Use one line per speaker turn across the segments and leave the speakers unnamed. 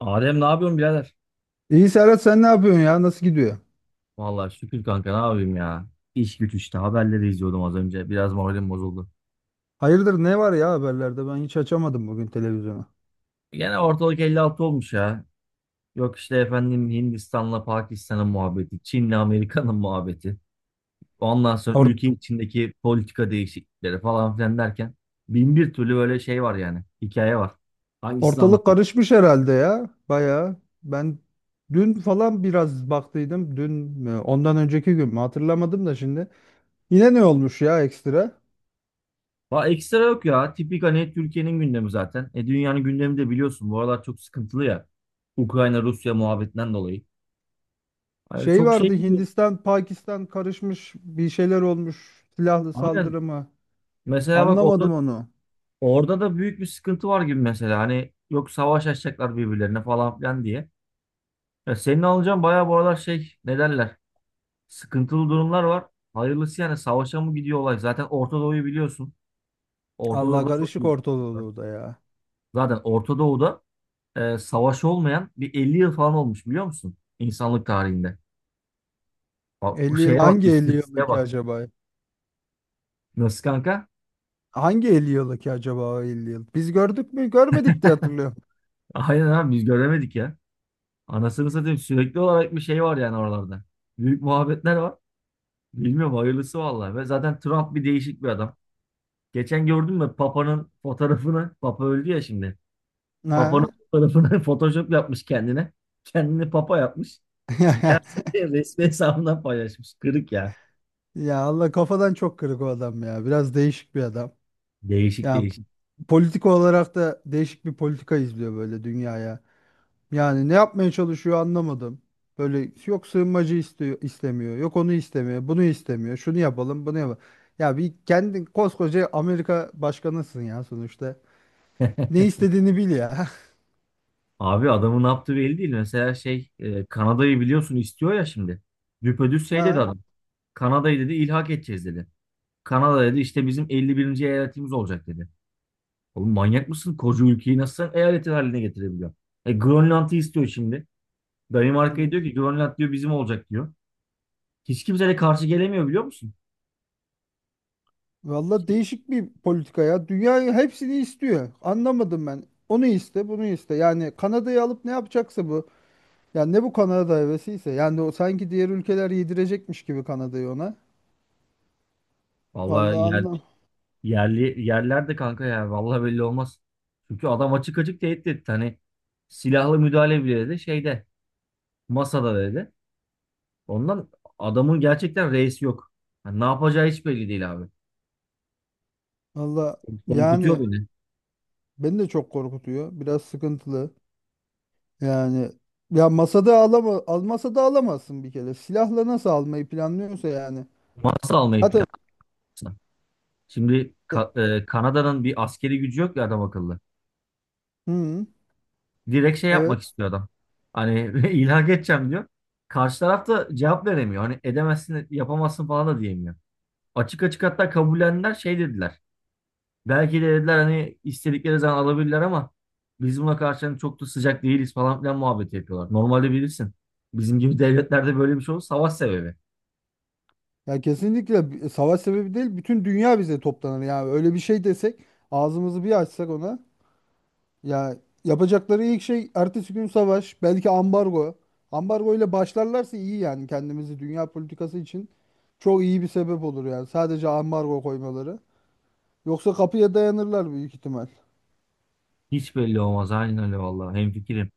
Adem ne yapıyorsun birader?
İyi Serhat sen ne yapıyorsun ya? Nasıl gidiyor?
Vallahi şükür kanka ne yapayım ya. İş güç işte haberleri izliyordum az önce. Biraz moralim bozuldu.
Hayırdır ne var ya haberlerde? Ben hiç açamadım bugün televizyonu.
Gene ortalık 56 olmuş ya. Yok işte efendim Hindistan'la Pakistan'ın muhabbeti, Çin'le Amerika'nın muhabbeti. Ondan sonra
Or-
ülke içindeki politika değişiklikleri falan filan derken bin bir türlü böyle şey var yani. Hikaye var. Hangisini
Ortalık
anlatayım?
karışmış herhalde ya. Bayağı. Ben dün falan biraz baktıydım. Dün mü? Ondan önceki gün mü? Hatırlamadım da şimdi. Yine ne olmuş ya ekstra?
Va ekstra yok ya. Tipik hani Türkiye'nin gündemi zaten. E dünyanın gündemi de biliyorsun. Bu aralar çok sıkıntılı ya. Ukrayna Rusya muhabbetinden dolayı. Yani
Şey
çok şey
vardı
gidiyor.
Hindistan, Pakistan karışmış bir şeyler olmuş. Silahlı
Aynen.
saldırı mı?
Mesela bak
Anlamadım onu.
orada da büyük bir sıkıntı var gibi mesela. Hani yok savaş açacaklar birbirlerine falan filan diye. Ya senin alacağın bayağı bu aralar şey ne derler? Sıkıntılı durumlar var. Hayırlısı yani savaşa mı gidiyor olay? Zaten Orta Doğu'yu biliyorsun. Orta
Allah
Doğu'da çok
karışık
büyük sıkıntı var.
ortalığı da ya.
Zaten Orta Doğu'da savaş olmayan bir 50 yıl falan olmuş biliyor musun? İnsanlık tarihinde. Bak,
Elli yıl
şeye bak,
hangi 50
istatistiğe
yıldaki
bak.
acaba.
Nasıl kanka?
Hangi 50 yılı ki acaba o 50 yıl? Biz gördük mü? Görmedik diye hatırlıyorum.
Aynen abi biz göremedik ya. Anasını satayım sürekli olarak bir şey var yani oralarda. Büyük muhabbetler var. Bilmiyorum hayırlısı vallahi. Ve zaten Trump bir değişik bir adam. Geçen gördün mü Papa'nın fotoğrafını? Papa öldü ya şimdi. Papa'nın
Ha?
fotoğrafını Photoshop yapmış kendine. Kendini Papa yapmış. Beyaz Saray'ın resmi hesabından paylaşmış. Kırık ya.
Ya Allah kafadan çok kırık o adam ya. Biraz değişik bir adam.
Değişik
Ya
değişik.
politik olarak da değişik bir politika izliyor böyle dünyaya. Yani ne yapmaya çalışıyor anlamadım. Böyle yok sığınmacı istiyor, istemiyor. Yok onu istemiyor. Bunu istemiyor. Şunu yapalım, bunu yapalım. Ya bir kendin koskoca Amerika başkanısın ya sonuçta. Ne istediğini bil ya.
Abi adamın ne yaptığı belli değil. Mesela Kanada'yı biliyorsun istiyor ya şimdi. Düpedüz şey dedi
Ha?
adam. Kanada'yı dedi ilhak edeceğiz dedi. Kanada dedi işte bizim 51. eyaletimiz olacak dedi. Oğlum manyak mısın? Koca ülkeyi nasıl sen eyaletin haline getirebiliyorsun? E Grönland'ı istiyor şimdi. Danimarka'ya diyor ki Grönland diyor bizim olacak diyor. Hiç kimse de karşı gelemiyor biliyor musun?
Valla değişik bir politika ya. Dünya hepsini istiyor. Anlamadım ben. Onu iste, bunu iste. Yani Kanada'yı alıp ne yapacaksa bu. Yani ne bu Kanada hevesiyse. Yani o sanki diğer ülkeler yedirecekmiş gibi Kanada'yı ona.
Vallahi
Vallahi anlam.
yerli yerler de kanka ya vallahi belli olmaz. Çünkü adam açık açık tehdit etti. Hani silahlı müdahale bile dedi şeyde masada dedi. Ondan adamın gerçekten reisi yok. Yani ne yapacağı hiç belli değil abi.
Valla
Korkutuyor
yani
beni.
beni de çok korkutuyor. Biraz sıkıntılı. Yani ya masada alama almasa da alamazsın bir kere. Silahla nasıl almayı planlıyorsa yani.
Masa almayı
Zaten
planlıyorsa. Şimdi Kanada'nın bir askeri gücü yok ya adam akıllı.
hı,
Direkt şey
evet.
yapmak istiyor adam. Hani ilhak edeceğim diyor. Karşı taraf da cevap veremiyor. Hani edemezsin, yapamazsın falan da diyemiyor. Açık açık hatta kabullendiler şey dediler. Belki de dediler hani istedikleri zaman alabilirler ama biz buna karşı hani çok da sıcak değiliz falan filan muhabbeti yapıyorlar. Normalde bilirsin. Bizim gibi devletlerde böyle bir şey olur savaş sebebi.
Ya kesinlikle savaş sebebi değil, bütün dünya bize toplanır yani öyle bir şey desek, ağzımızı bir açsak ona, ya yapacakları ilk şey ertesi gün savaş, belki ambargo. Ambargo ile başlarlarsa iyi yani, kendimizi dünya politikası için çok iyi bir sebep olur yani sadece ambargo koymaları. Yoksa kapıya dayanırlar büyük ihtimal.
Hiç belli olmaz. Aynen öyle vallahi. Hemfikirim.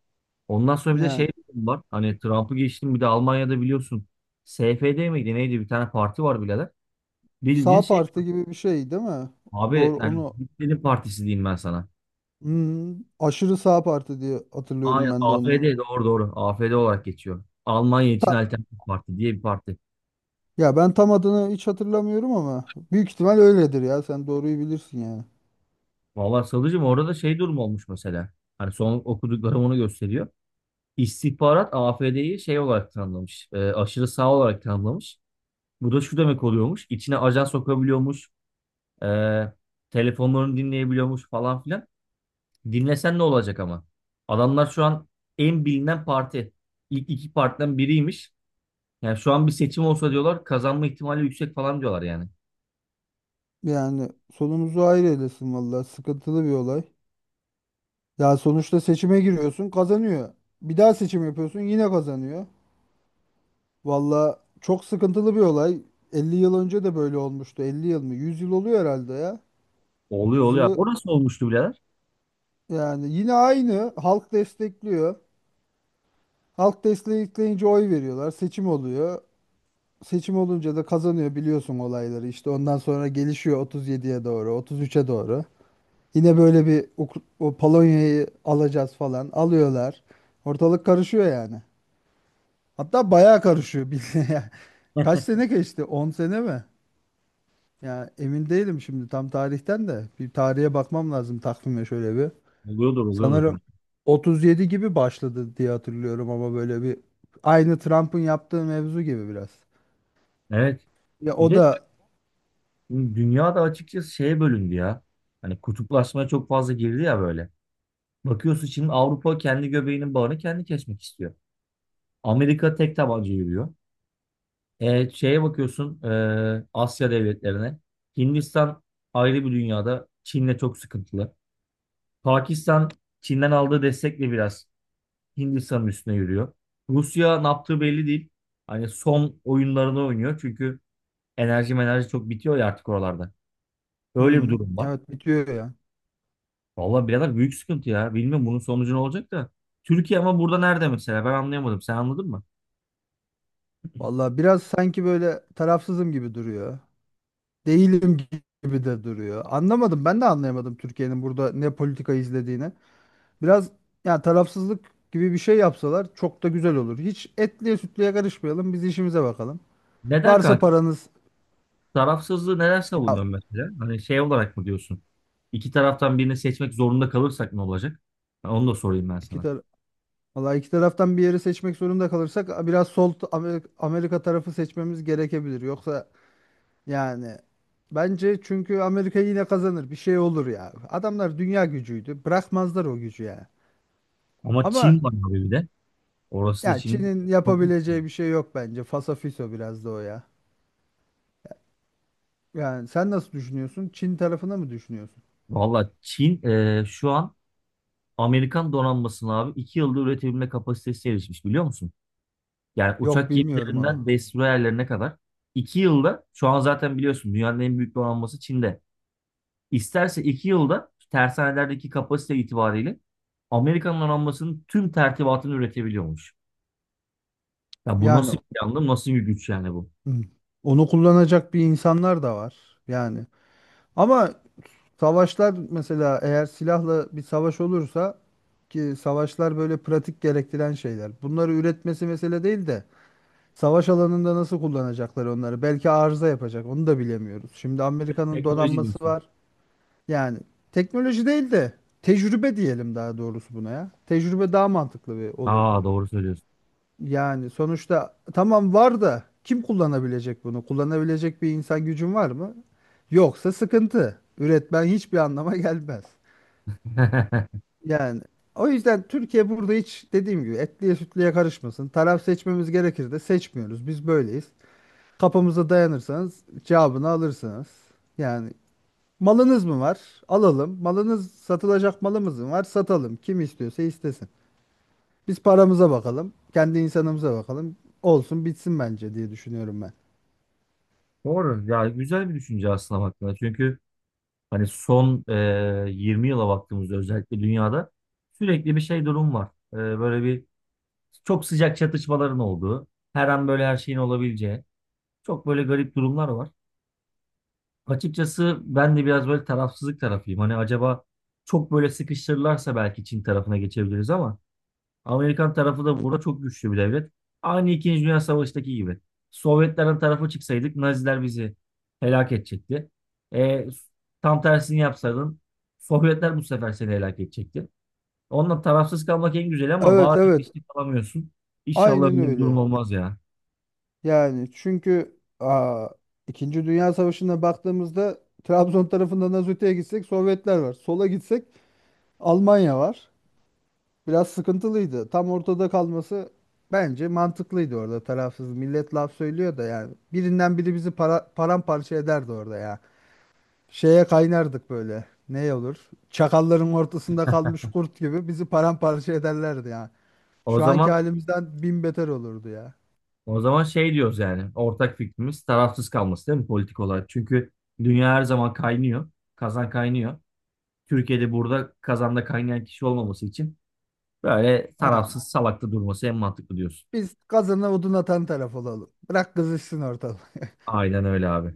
Ondan sonra bir de
Yani
şey var. Hani Trump'ı geçtim bir de Almanya'da biliyorsun. SFD miydi neydi bir tane parti var birader. Bildiğin
sağ
şey
parti gibi bir şey değil mi?
abi
Doğru
yani
onu.
Hitler'in partisi diyeyim ben sana.
Hmm, aşırı sağ parti diye hatırlıyorum
Aynen
ben de onları.
AfD doğru doğru. AfD olarak geçiyor. Almanya için alternatif parti diye bir parti.
Ya ben tam adını hiç hatırlamıyorum ama büyük ihtimal öyledir ya. Sen doğruyu bilirsin yani.
Vallahi Sadıcığım orada da şey durum olmuş mesela. Hani son okuduklarım onu gösteriyor. İstihbarat AfD'yi şey olarak tanımlamış. Aşırı sağ olarak tanımlamış. Bu da şu demek oluyormuş. İçine ajan sokabiliyormuş. E, Telefonlarını dinleyebiliyormuş falan filan. Dinlesen ne olacak ama? Adamlar şu an en bilinen parti. İlk iki partiden biriymiş. Yani şu an bir seçim olsa diyorlar kazanma ihtimali yüksek falan diyorlar yani.
Yani sonumuzu hayır eylesin vallahi. Sıkıntılı bir olay. Ya sonuçta seçime giriyorsun, kazanıyor. Bir daha seçim yapıyorsun, yine kazanıyor. Vallahi çok sıkıntılı bir olay. 50 yıl önce de böyle olmuştu. 50 yıl mı? 100 yıl oluyor herhalde ya.
Oluyor
100
oluyor.
yılı
Orası olmuştu birader.
yani yine aynı. Halk destekliyor. Halk destekleyince oy veriyorlar. Seçim oluyor. Seçim olunca da kazanıyor biliyorsun olayları. İşte ondan sonra gelişiyor 37'ye doğru, 33'e doğru. Yine böyle bir o Polonya'yı alacağız falan, alıyorlar. Ortalık karışıyor yani. Hatta bayağı karışıyor bildiğin ya. Kaç
Heh,
sene geçti? 10 sene mi? Ya emin değilim şimdi tam tarihten de. Bir tarihe bakmam lazım, takvime şöyle bir.
oluyordur oluyordur. Da.
Sanırım 37 gibi başladı diye hatırlıyorum ama böyle bir, aynı Trump'ın yaptığı mevzu gibi biraz.
Evet.
Ya
Bir
o
de
da
dünya da açıkçası şeye bölündü ya. Hani kutuplaşmaya çok fazla girdi ya böyle. Bakıyorsun şimdi Avrupa kendi göbeğinin bağını kendi kesmek istiyor. Amerika tek tabanca yürüyor. E, şeye bakıyorsun Asya devletlerine. Hindistan ayrı bir dünyada. Çin'le çok sıkıntılı. Pakistan Çin'den aldığı destekle biraz Hindistan'ın üstüne yürüyor. Rusya ne yaptığı belli değil. Hani son oyunlarını oynuyor. Çünkü enerji çok bitiyor ya artık oralarda. Öyle bir
hı,
durum var.
evet, bitiyor ya.
Vallahi birader büyük sıkıntı ya. Bilmiyorum bunun sonucu ne olacak da. Türkiye ama burada nerede mesela? Ben anlayamadım. Sen anladın mı?
Vallahi biraz sanki böyle tarafsızım gibi duruyor. Değilim gibi de duruyor. Anlamadım. Ben de anlayamadım Türkiye'nin burada ne politika izlediğini. Biraz yani tarafsızlık gibi bir şey yapsalar çok da güzel olur. Hiç etliye sütlüye karışmayalım. Biz işimize bakalım.
Neden
Varsa
kanka?
paranız.
Tarafsızlığı neler
Ya
savunuyorsun mesela? Hani şey olarak mı diyorsun? İki taraftan birini seçmek zorunda kalırsak ne olacak? Ha, onu da sorayım ben
iki
sana.
tar vallahi iki taraftan bir yeri seçmek zorunda kalırsak biraz Amerika tarafı seçmemiz gerekebilir. Yoksa yani bence çünkü Amerika yine kazanır. Bir şey olur ya. Adamlar dünya gücüydü. Bırakmazlar o gücü ya.
Ama
Ama
Çin var abi bir de. Orası da
yani
Çin,
Çin'in
çok büyük bir yer.
yapabileceği bir şey yok bence. Fasafiso biraz da o ya. Yani sen nasıl düşünüyorsun? Çin tarafına mı düşünüyorsun?
Valla Çin şu an Amerikan donanmasını abi iki yılda üretebilme kapasitesi erişmiş biliyor musun? Yani
Yok,
uçak
bilmiyorum onu.
gemilerinden destroyerlerine kadar. İki yılda şu an zaten biliyorsun dünyanın en büyük donanması Çin'de. İsterse iki yılda tersanelerdeki kapasite itibariyle Amerika'nın donanmasının tüm tertibatını üretebiliyormuş. Ya bu
Yani
nasıl bir yandım, nasıl bir güç yani bu?
hmm, onu kullanacak bir insanlar da var. Yani ama savaşlar, mesela eğer silahla bir savaş olursa, ki savaşlar böyle pratik gerektiren şeyler. Bunları üretmesi mesele değil de savaş alanında nasıl kullanacaklar onları? Belki arıza yapacak. Onu da bilemiyoruz. Şimdi Amerika'nın
Teknoloji
donanması
diyorsun.
var. Yani teknoloji değil de tecrübe diyelim daha doğrusu buna ya. Tecrübe daha mantıklı bir olur.
Aa doğru söylüyorsun.
Yani sonuçta tamam, var da kim kullanabilecek bunu? Kullanabilecek bir insan gücün var mı? Yoksa sıkıntı. Üretmen hiçbir anlama gelmez. Yani o yüzden Türkiye burada hiç dediğim gibi etliye sütlüye karışmasın. Taraf seçmemiz gerekir de seçmiyoruz. Biz böyleyiz. Kapımıza dayanırsanız cevabını alırsınız. Yani malınız mı var? Alalım. Malınız satılacak, malımız mı var? Satalım. Kim istiyorsa istesin. Biz paramıza bakalım. Kendi insanımıza bakalım. Olsun bitsin bence, diye düşünüyorum ben.
Doğru. Ya güzel bir düşünce aslında baktığında. Çünkü hani son 20 yıla baktığımızda özellikle dünyada sürekli bir şey durum var. Böyle bir çok sıcak çatışmaların olduğu, her an böyle her şeyin olabileceği çok böyle garip durumlar var. Açıkçası ben de biraz böyle tarafsızlık tarafıyım. Hani acaba çok böyle sıkıştırırlarsa belki Çin tarafına geçebiliriz ama Amerikan tarafı da burada çok güçlü bir devlet. Aynı İkinci Dünya Savaşı'ndaki gibi. Sovyetlerin tarafı çıksaydık Naziler bizi helak edecekti. E, Tam tersini yapsaydın Sovyetler bu sefer seni helak edecekti. Onunla tarafsız kalmak en güzel ama
Evet,
bazen
evet.
işte kalamıyorsun. İnşallah
Aynen
öyle bir durum
öyle.
olmaz ya.
Yani çünkü İkinci Dünya Savaşı'na baktığımızda Trabzon tarafından az öteye gitsek Sovyetler var. Sola gitsek Almanya var. Biraz sıkıntılıydı. Tam ortada kalması bence mantıklıydı orada, tarafsız. Millet laf söylüyor da yani. Birinden biri bizi paramparça ederdi orada ya. Şeye kaynardık böyle. Ne olur? Çakalların ortasında kalmış kurt gibi bizi paramparça ederlerdi ya.
O
Şu anki
zaman
halimizden bin beter olurdu ya.
O zaman şey diyoruz yani ortak fikrimiz tarafsız kalması değil mi politik olarak? Çünkü dünya her zaman kaynıyor. Kazan kaynıyor. Türkiye'de burada kazanda kaynayan kişi olmaması için böyle
Aynen.
tarafsız salakta durması en mantıklı diyorsun.
Biz kazana odun atan taraf olalım. Bırak kızışsın ortalık.
Aynen öyle abi.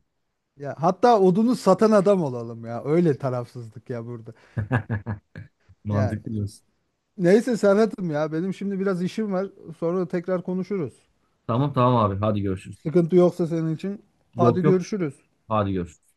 Ya hatta odunu satan adam olalım ya. Öyle tarafsızlık ya burada. Ya
Mantıklı diyorsun.
neyse Serhat'ım ya, benim şimdi biraz işim var. Sonra tekrar konuşuruz.
Tamam tamam abi hadi görüşürüz.
Sıkıntı yoksa senin için. Hadi
Yok yok
görüşürüz.
hadi görüşürüz.